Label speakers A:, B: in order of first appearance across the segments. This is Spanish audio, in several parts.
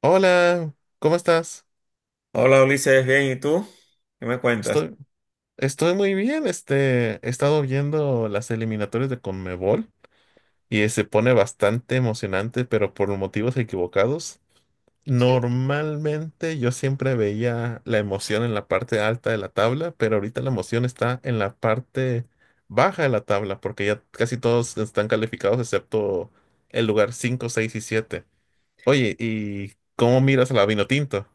A: Hola, ¿cómo estás?
B: Hola Ulises, bien, ¿y tú? ¿Qué me cuentas?
A: Estoy, estoy muy bien. He estado viendo las eliminatorias de CONMEBOL y se pone bastante emocionante, pero por motivos equivocados.
B: Sí.
A: Normalmente yo siempre veía la emoción en la parte alta de la tabla, pero ahorita la emoción está en la parte baja de la tabla, porque ya casi todos están calificados excepto el lugar 5, 6 y 7. Oye, ¿y cómo miras a la Vinotinto?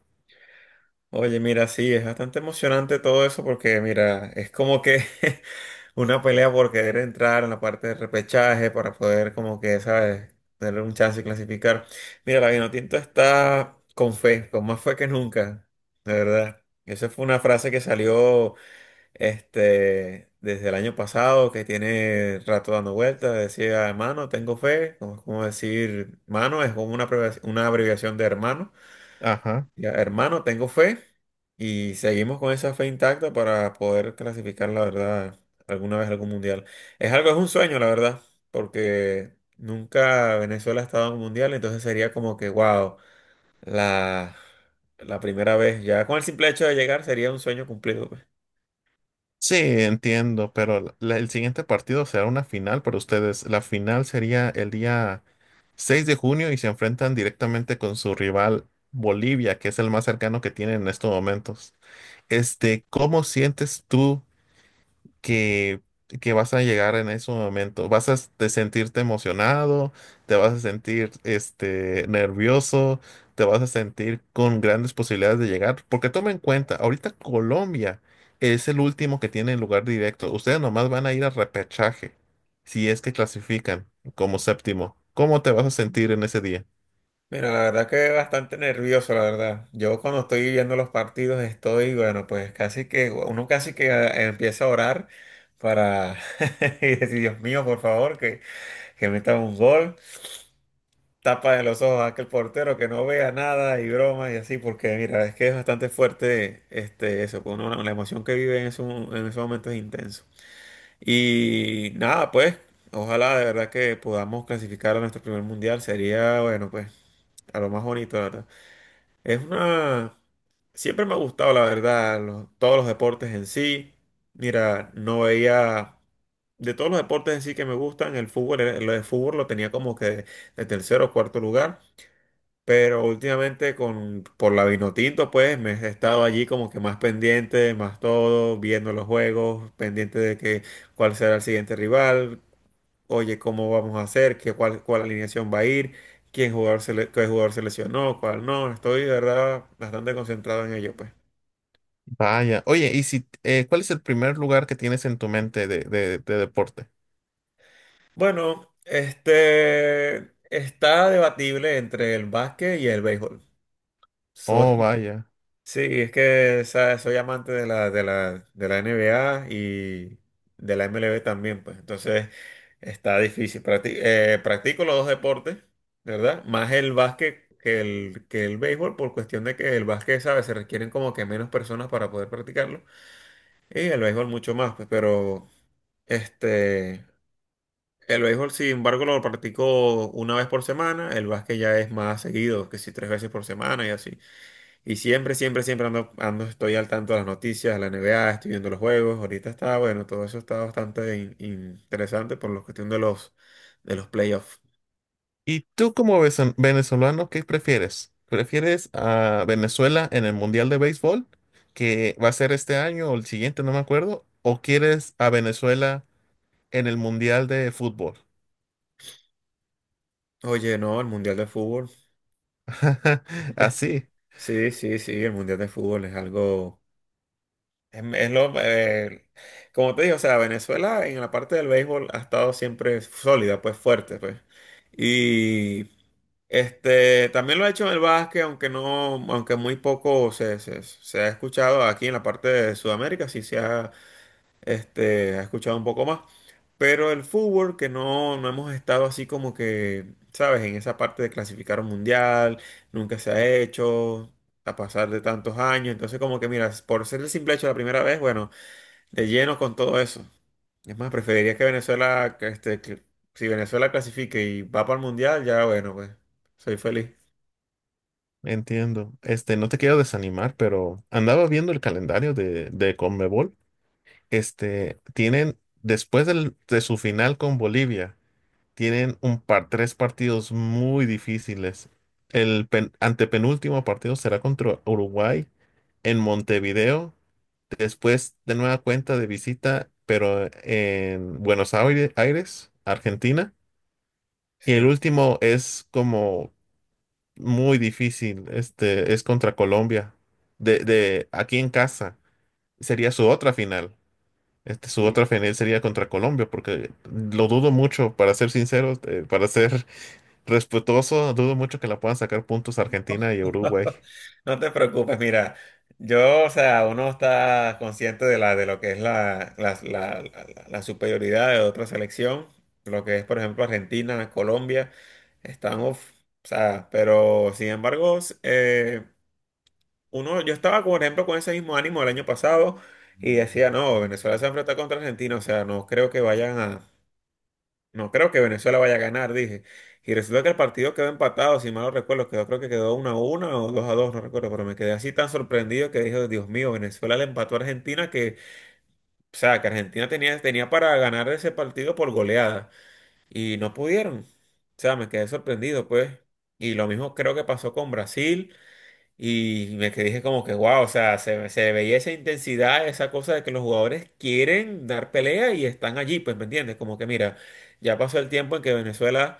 B: Oye, mira, sí, es bastante emocionante todo eso porque, mira, es como que una pelea por querer entrar en la parte de repechaje para poder, como que, ¿sabes?, tener un chance y clasificar. Mira, la Vinotinto está con fe, con más fe que nunca, de verdad. Esa fue una frase que salió. Desde el año pasado que tiene rato dando vueltas, decía hermano, tengo fe, como, es como decir mano, es como una abreviación de hermano.
A: Ajá.
B: Ya, hermano, tengo fe y seguimos con esa fe intacta para poder clasificar, la verdad, alguna vez a algún mundial. Es algo, es un sueño, la verdad, porque nunca Venezuela ha estado en un mundial, entonces sería como que, wow, la, la primera vez, ya con el simple hecho de llegar sería un sueño cumplido, pues.
A: Sí, entiendo, pero el siguiente partido será una final para ustedes. La final sería el día 6 de junio y se enfrentan directamente con su rival Bolivia, que es el más cercano que tienen en estos momentos. ¿Cómo sientes tú que, que vas a llegar en ese momento? Te sentirte emocionado, te vas a sentir nervioso, te vas a sentir con grandes posibilidades de llegar. Porque toma en cuenta, ahorita Colombia es el último que tiene lugar directo. Ustedes nomás van a ir a repechaje, si es que clasifican como séptimo. ¿Cómo te vas a sentir en ese día?
B: Mira, la verdad que bastante nervioso, la verdad. Yo cuando estoy viendo los partidos estoy, bueno, pues casi que, uno casi que empieza a orar para y decir, Dios mío, por favor, que meta un gol, tapa de los ojos a aquel portero que no vea nada y bromas y así, porque mira, es que es bastante fuerte eso, pues, uno, la emoción que vive en esos momentos es intenso. Y nada, pues, ojalá de verdad que podamos clasificar a nuestro primer mundial, sería, bueno, pues, a lo más bonito, la verdad. Es una... Siempre me ha gustado, la verdad, todos los deportes en sí. Mira, no veía... De todos los deportes en sí que me gustan, el fútbol, el lo fútbol lo tenía como que de tercero o cuarto lugar. Pero últimamente con, por la Vinotinto, pues me he estado allí como que más pendiente, más todo, viendo los juegos, pendiente de que cuál será el siguiente rival, oye, ¿cómo vamos a hacer? ¿Qué, cuál alineación va a ir? ¿Quién jugador se le- qué jugador se lesionó? ¿Cuál no? Estoy, de verdad, bastante concentrado en ello, pues.
A: Vaya, oye, y si, ¿cuál es el primer lugar que tienes en tu mente de, de deporte?
B: Bueno, está debatible entre el básquet y el béisbol.
A: Oh,
B: Soy,
A: vaya.
B: Sí, es que ¿sabes? Soy amante de la NBA y de la MLB también, pues. Entonces está difícil. Practico los dos deportes, ¿verdad? Más el básquet que el béisbol, por cuestión de que el básquet, ¿sabes? Se requieren como que menos personas para poder practicarlo. Y el béisbol mucho más, pues. Pero este, el béisbol, sin embargo, lo practico una vez por semana. El básquet ya es más seguido, que si tres veces por semana y así. Y siempre, siempre, siempre ando, estoy al tanto de las noticias, de la NBA, estoy viendo los juegos. Ahorita está, bueno, todo eso está bastante interesante por la cuestión de los playoffs.
A: ¿Y tú como venezolano, qué prefieres? ¿Prefieres a Venezuela en el Mundial de Béisbol, que va a ser este año o el siguiente, no me acuerdo? ¿O quieres a Venezuela en el Mundial de Fútbol?
B: Oye, no, el Mundial de Fútbol.
A: Así,
B: Sí, sí, sí, el Mundial de Fútbol es algo, es, es lo, eh, como te digo, o sea, Venezuela en la parte del béisbol ha estado siempre sólida, pues fuerte, pues. Y también lo ha hecho en el básquet, aunque no, aunque muy poco se ha escuchado aquí en la parte de Sudamérica, sí se ha, ha escuchado un poco más. Pero el fútbol, que no, no hemos estado así como que, ¿sabes? En esa parte de clasificar un mundial, nunca se ha hecho, a pasar de tantos años. Entonces, como que, mira, por ser el simple hecho de la primera vez, bueno, de lleno con todo eso. Es más, preferiría que Venezuela, que si Venezuela clasifique y va para el mundial, ya bueno, pues, soy feliz.
A: entiendo. No te quiero desanimar, pero andaba viendo el calendario de Conmebol. Tienen después de su final con Bolivia. Tienen un par, tres partidos muy difíciles. Antepenúltimo partido será contra Uruguay en Montevideo. Después, de nueva cuenta de visita, pero en Aires, Argentina. Y
B: Sí,
A: el último es como muy difícil. Este es contra Colombia. De aquí en casa. Sería su otra final. Su
B: sí.
A: otra final sería contra Colombia, porque lo dudo mucho, para ser sinceros, para ser respetuoso, dudo mucho que la puedan sacar puntos Argentina y Uruguay.
B: No te preocupes, mira, yo, o sea, uno está consciente de la, de lo que es la, la, la- la- la superioridad de otra selección, lo que es, por ejemplo, Argentina, Colombia, están, uf, o sea, pero sin embargo, uno, yo estaba, por ejemplo, con ese mismo ánimo el año pasado y decía, no, Venezuela se enfrenta contra Argentina, o sea, no creo que vayan a No creo que Venezuela vaya a ganar, dije. Y resulta que el partido quedó empatado, si mal no recuerdo, quedó, creo que quedó 1-1 o 2-2 no recuerdo, pero me quedé así tan sorprendido que dije, Dios mío, Venezuela le empató a Argentina que, o sea, que Argentina tenía, tenía para ganar ese partido por goleada y no pudieron. O sea, me quedé sorprendido, pues. Y lo mismo creo que pasó con Brasil. Y me quedé dije como que, wow, o sea, se veía esa intensidad, esa cosa de que los jugadores quieren dar pelea y están allí, pues, ¿me entiendes? Como que, mira, ya pasó el tiempo en que Venezuela,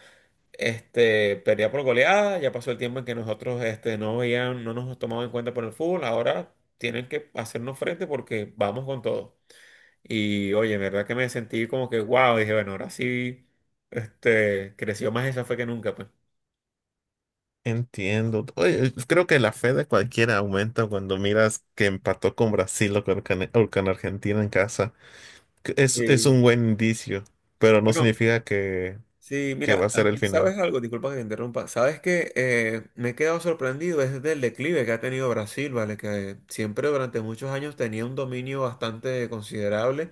B: perdía por goleada, ya pasó el tiempo en que nosotros, no veían, no nos tomaban en cuenta por el fútbol, ahora tienen que hacernos frente porque vamos con todo. Y, oye, en verdad que me sentí como que, wow, dije, bueno, ahora sí, creció más esa fe que nunca, pues.
A: Entiendo. Oye, creo que la fe de cualquiera aumenta cuando miras que empató con Brasil o con, o con Argentina en casa. Que es
B: Sí.
A: un buen indicio, pero no
B: Bueno,
A: significa
B: sí,
A: que va a
B: mira,
A: ser el
B: aunque
A: final.
B: sabes algo, disculpa que te interrumpa, sabes que me he quedado sorprendido es del declive que ha tenido Brasil, ¿vale? Que siempre durante muchos años tenía un dominio bastante considerable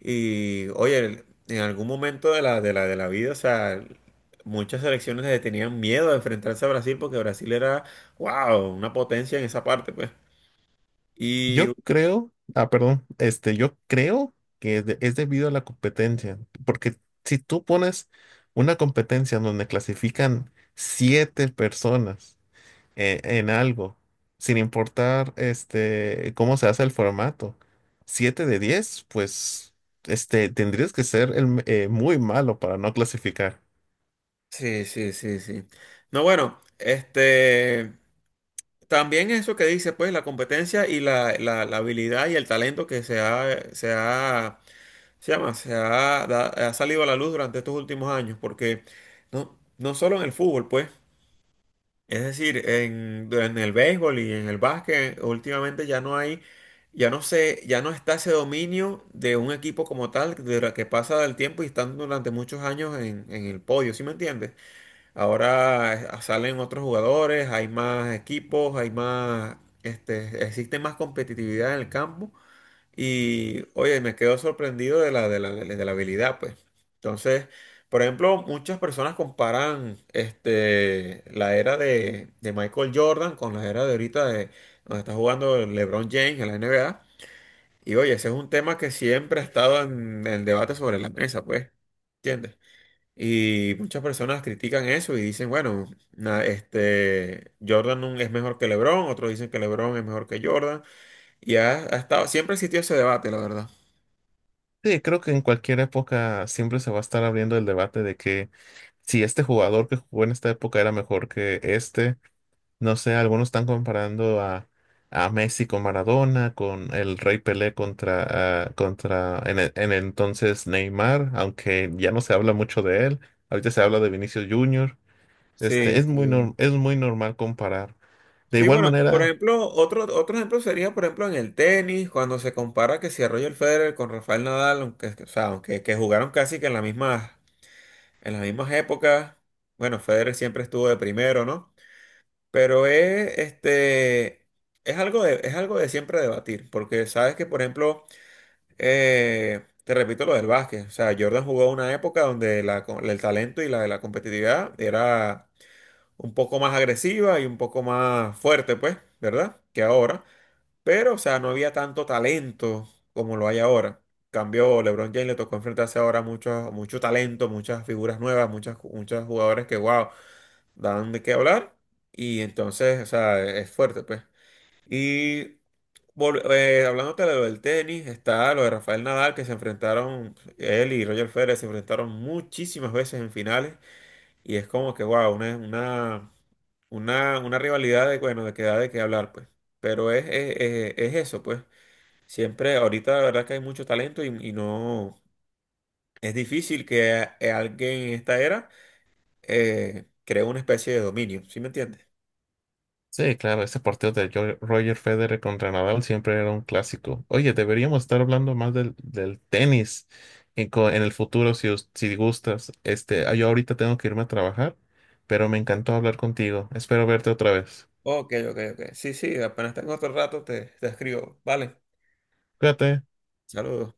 B: y, oye, en algún momento de la vida, o sea, muchas selecciones le tenían miedo a enfrentarse a Brasil porque Brasil era, wow, una potencia en esa parte, pues. Y
A: Yo creo, ah, perdón, yo creo que es, es debido a la competencia, porque si tú pones una competencia en donde clasifican siete personas, en algo, sin importar este cómo se hace el formato. Siete de 10 pues este tendrías que ser muy malo para no clasificar.
B: sí, sí, sí, sí. No, bueno, este... También eso que dice, pues, la competencia y la, la habilidad y el talento que se ha, se ha, se llama, se ha, ha salido a la luz durante estos últimos años, porque no, no solo en el fútbol, pues, es decir, en el béisbol y en el básquet, últimamente ya no hay, ya no se, ya no está ese dominio de un equipo como tal, de la que pasa el tiempo y están durante muchos años en el podio, ¿sí me entiendes? Ahora salen otros jugadores, hay más equipos, hay más, existe más competitividad en el campo y, oye, me quedo sorprendido de la habilidad, pues. Entonces, por ejemplo, muchas personas comparan, la era de Michael Jordan con la era de ahorita de donde está jugando LeBron James en la NBA. Y, oye, ese es un tema que siempre ha estado en el debate sobre la mesa, pues. ¿Entiendes? Y muchas personas critican eso y dicen, bueno, Jordan es mejor que LeBron, otros dicen que LeBron es mejor que Jordan, y ha, ha estado, siempre existió ese debate, la verdad.
A: Sí, creo que en cualquier época siempre se va a estar abriendo el debate de que si este jugador que jugó en esta época era mejor que este. No sé, algunos están comparando a Messi con Maradona, con el Rey Pelé contra, ah, contra en, en el entonces Neymar, aunque ya no se habla mucho de él. Ahorita se habla de Vinicius Junior.
B: Sí,
A: Es muy,
B: sí.
A: es muy normal comparar. De
B: Sí,
A: igual
B: bueno, por
A: manera.
B: ejemplo, otro, otro ejemplo sería, por ejemplo, en el tenis, cuando se compara que si a Roger Federer con Rafael Nadal, aunque, o sea, aunque que jugaron casi que en las mismas épocas, bueno, Federer siempre estuvo de primero, ¿no? Pero es, es algo de siempre debatir, porque sabes que, por ejemplo, te repito lo del básquet, o sea, Jordan jugó una época donde la el talento y la competitividad era un poco más agresiva y un poco más fuerte, pues, ¿verdad? Que ahora, pero, o sea, no había tanto talento como lo hay ahora. Cambió, LeBron James le tocó enfrentarse ahora a mucho, mucho talento, muchas figuras nuevas, muchos jugadores que, wow dan de qué hablar y entonces, o sea, es fuerte, pues. Y hablándote de lo del tenis, está lo de Rafael Nadal, que se enfrentaron, él y Roger Federer se enfrentaron muchísimas veces en finales y es como que, wow, una, una rivalidad de, bueno, de que da de qué hablar, pues. Pero es eso, pues. Siempre, ahorita la verdad que hay mucho talento y no, es difícil que alguien en esta era cree una especie de dominio, ¿sí me entiendes?
A: Sí, claro, ese partido de Roger Federer contra Nadal siempre era un clásico. Oye, deberíamos estar hablando más del, del tenis en, en el futuro si, si gustas. Yo ahorita tengo que irme a trabajar, pero me encantó hablar contigo. Espero verte otra vez.
B: Ok, ok, ok. Sí, sí, apenas tengo otro rato, te escribo. Vale,
A: Cuídate.
B: saludos.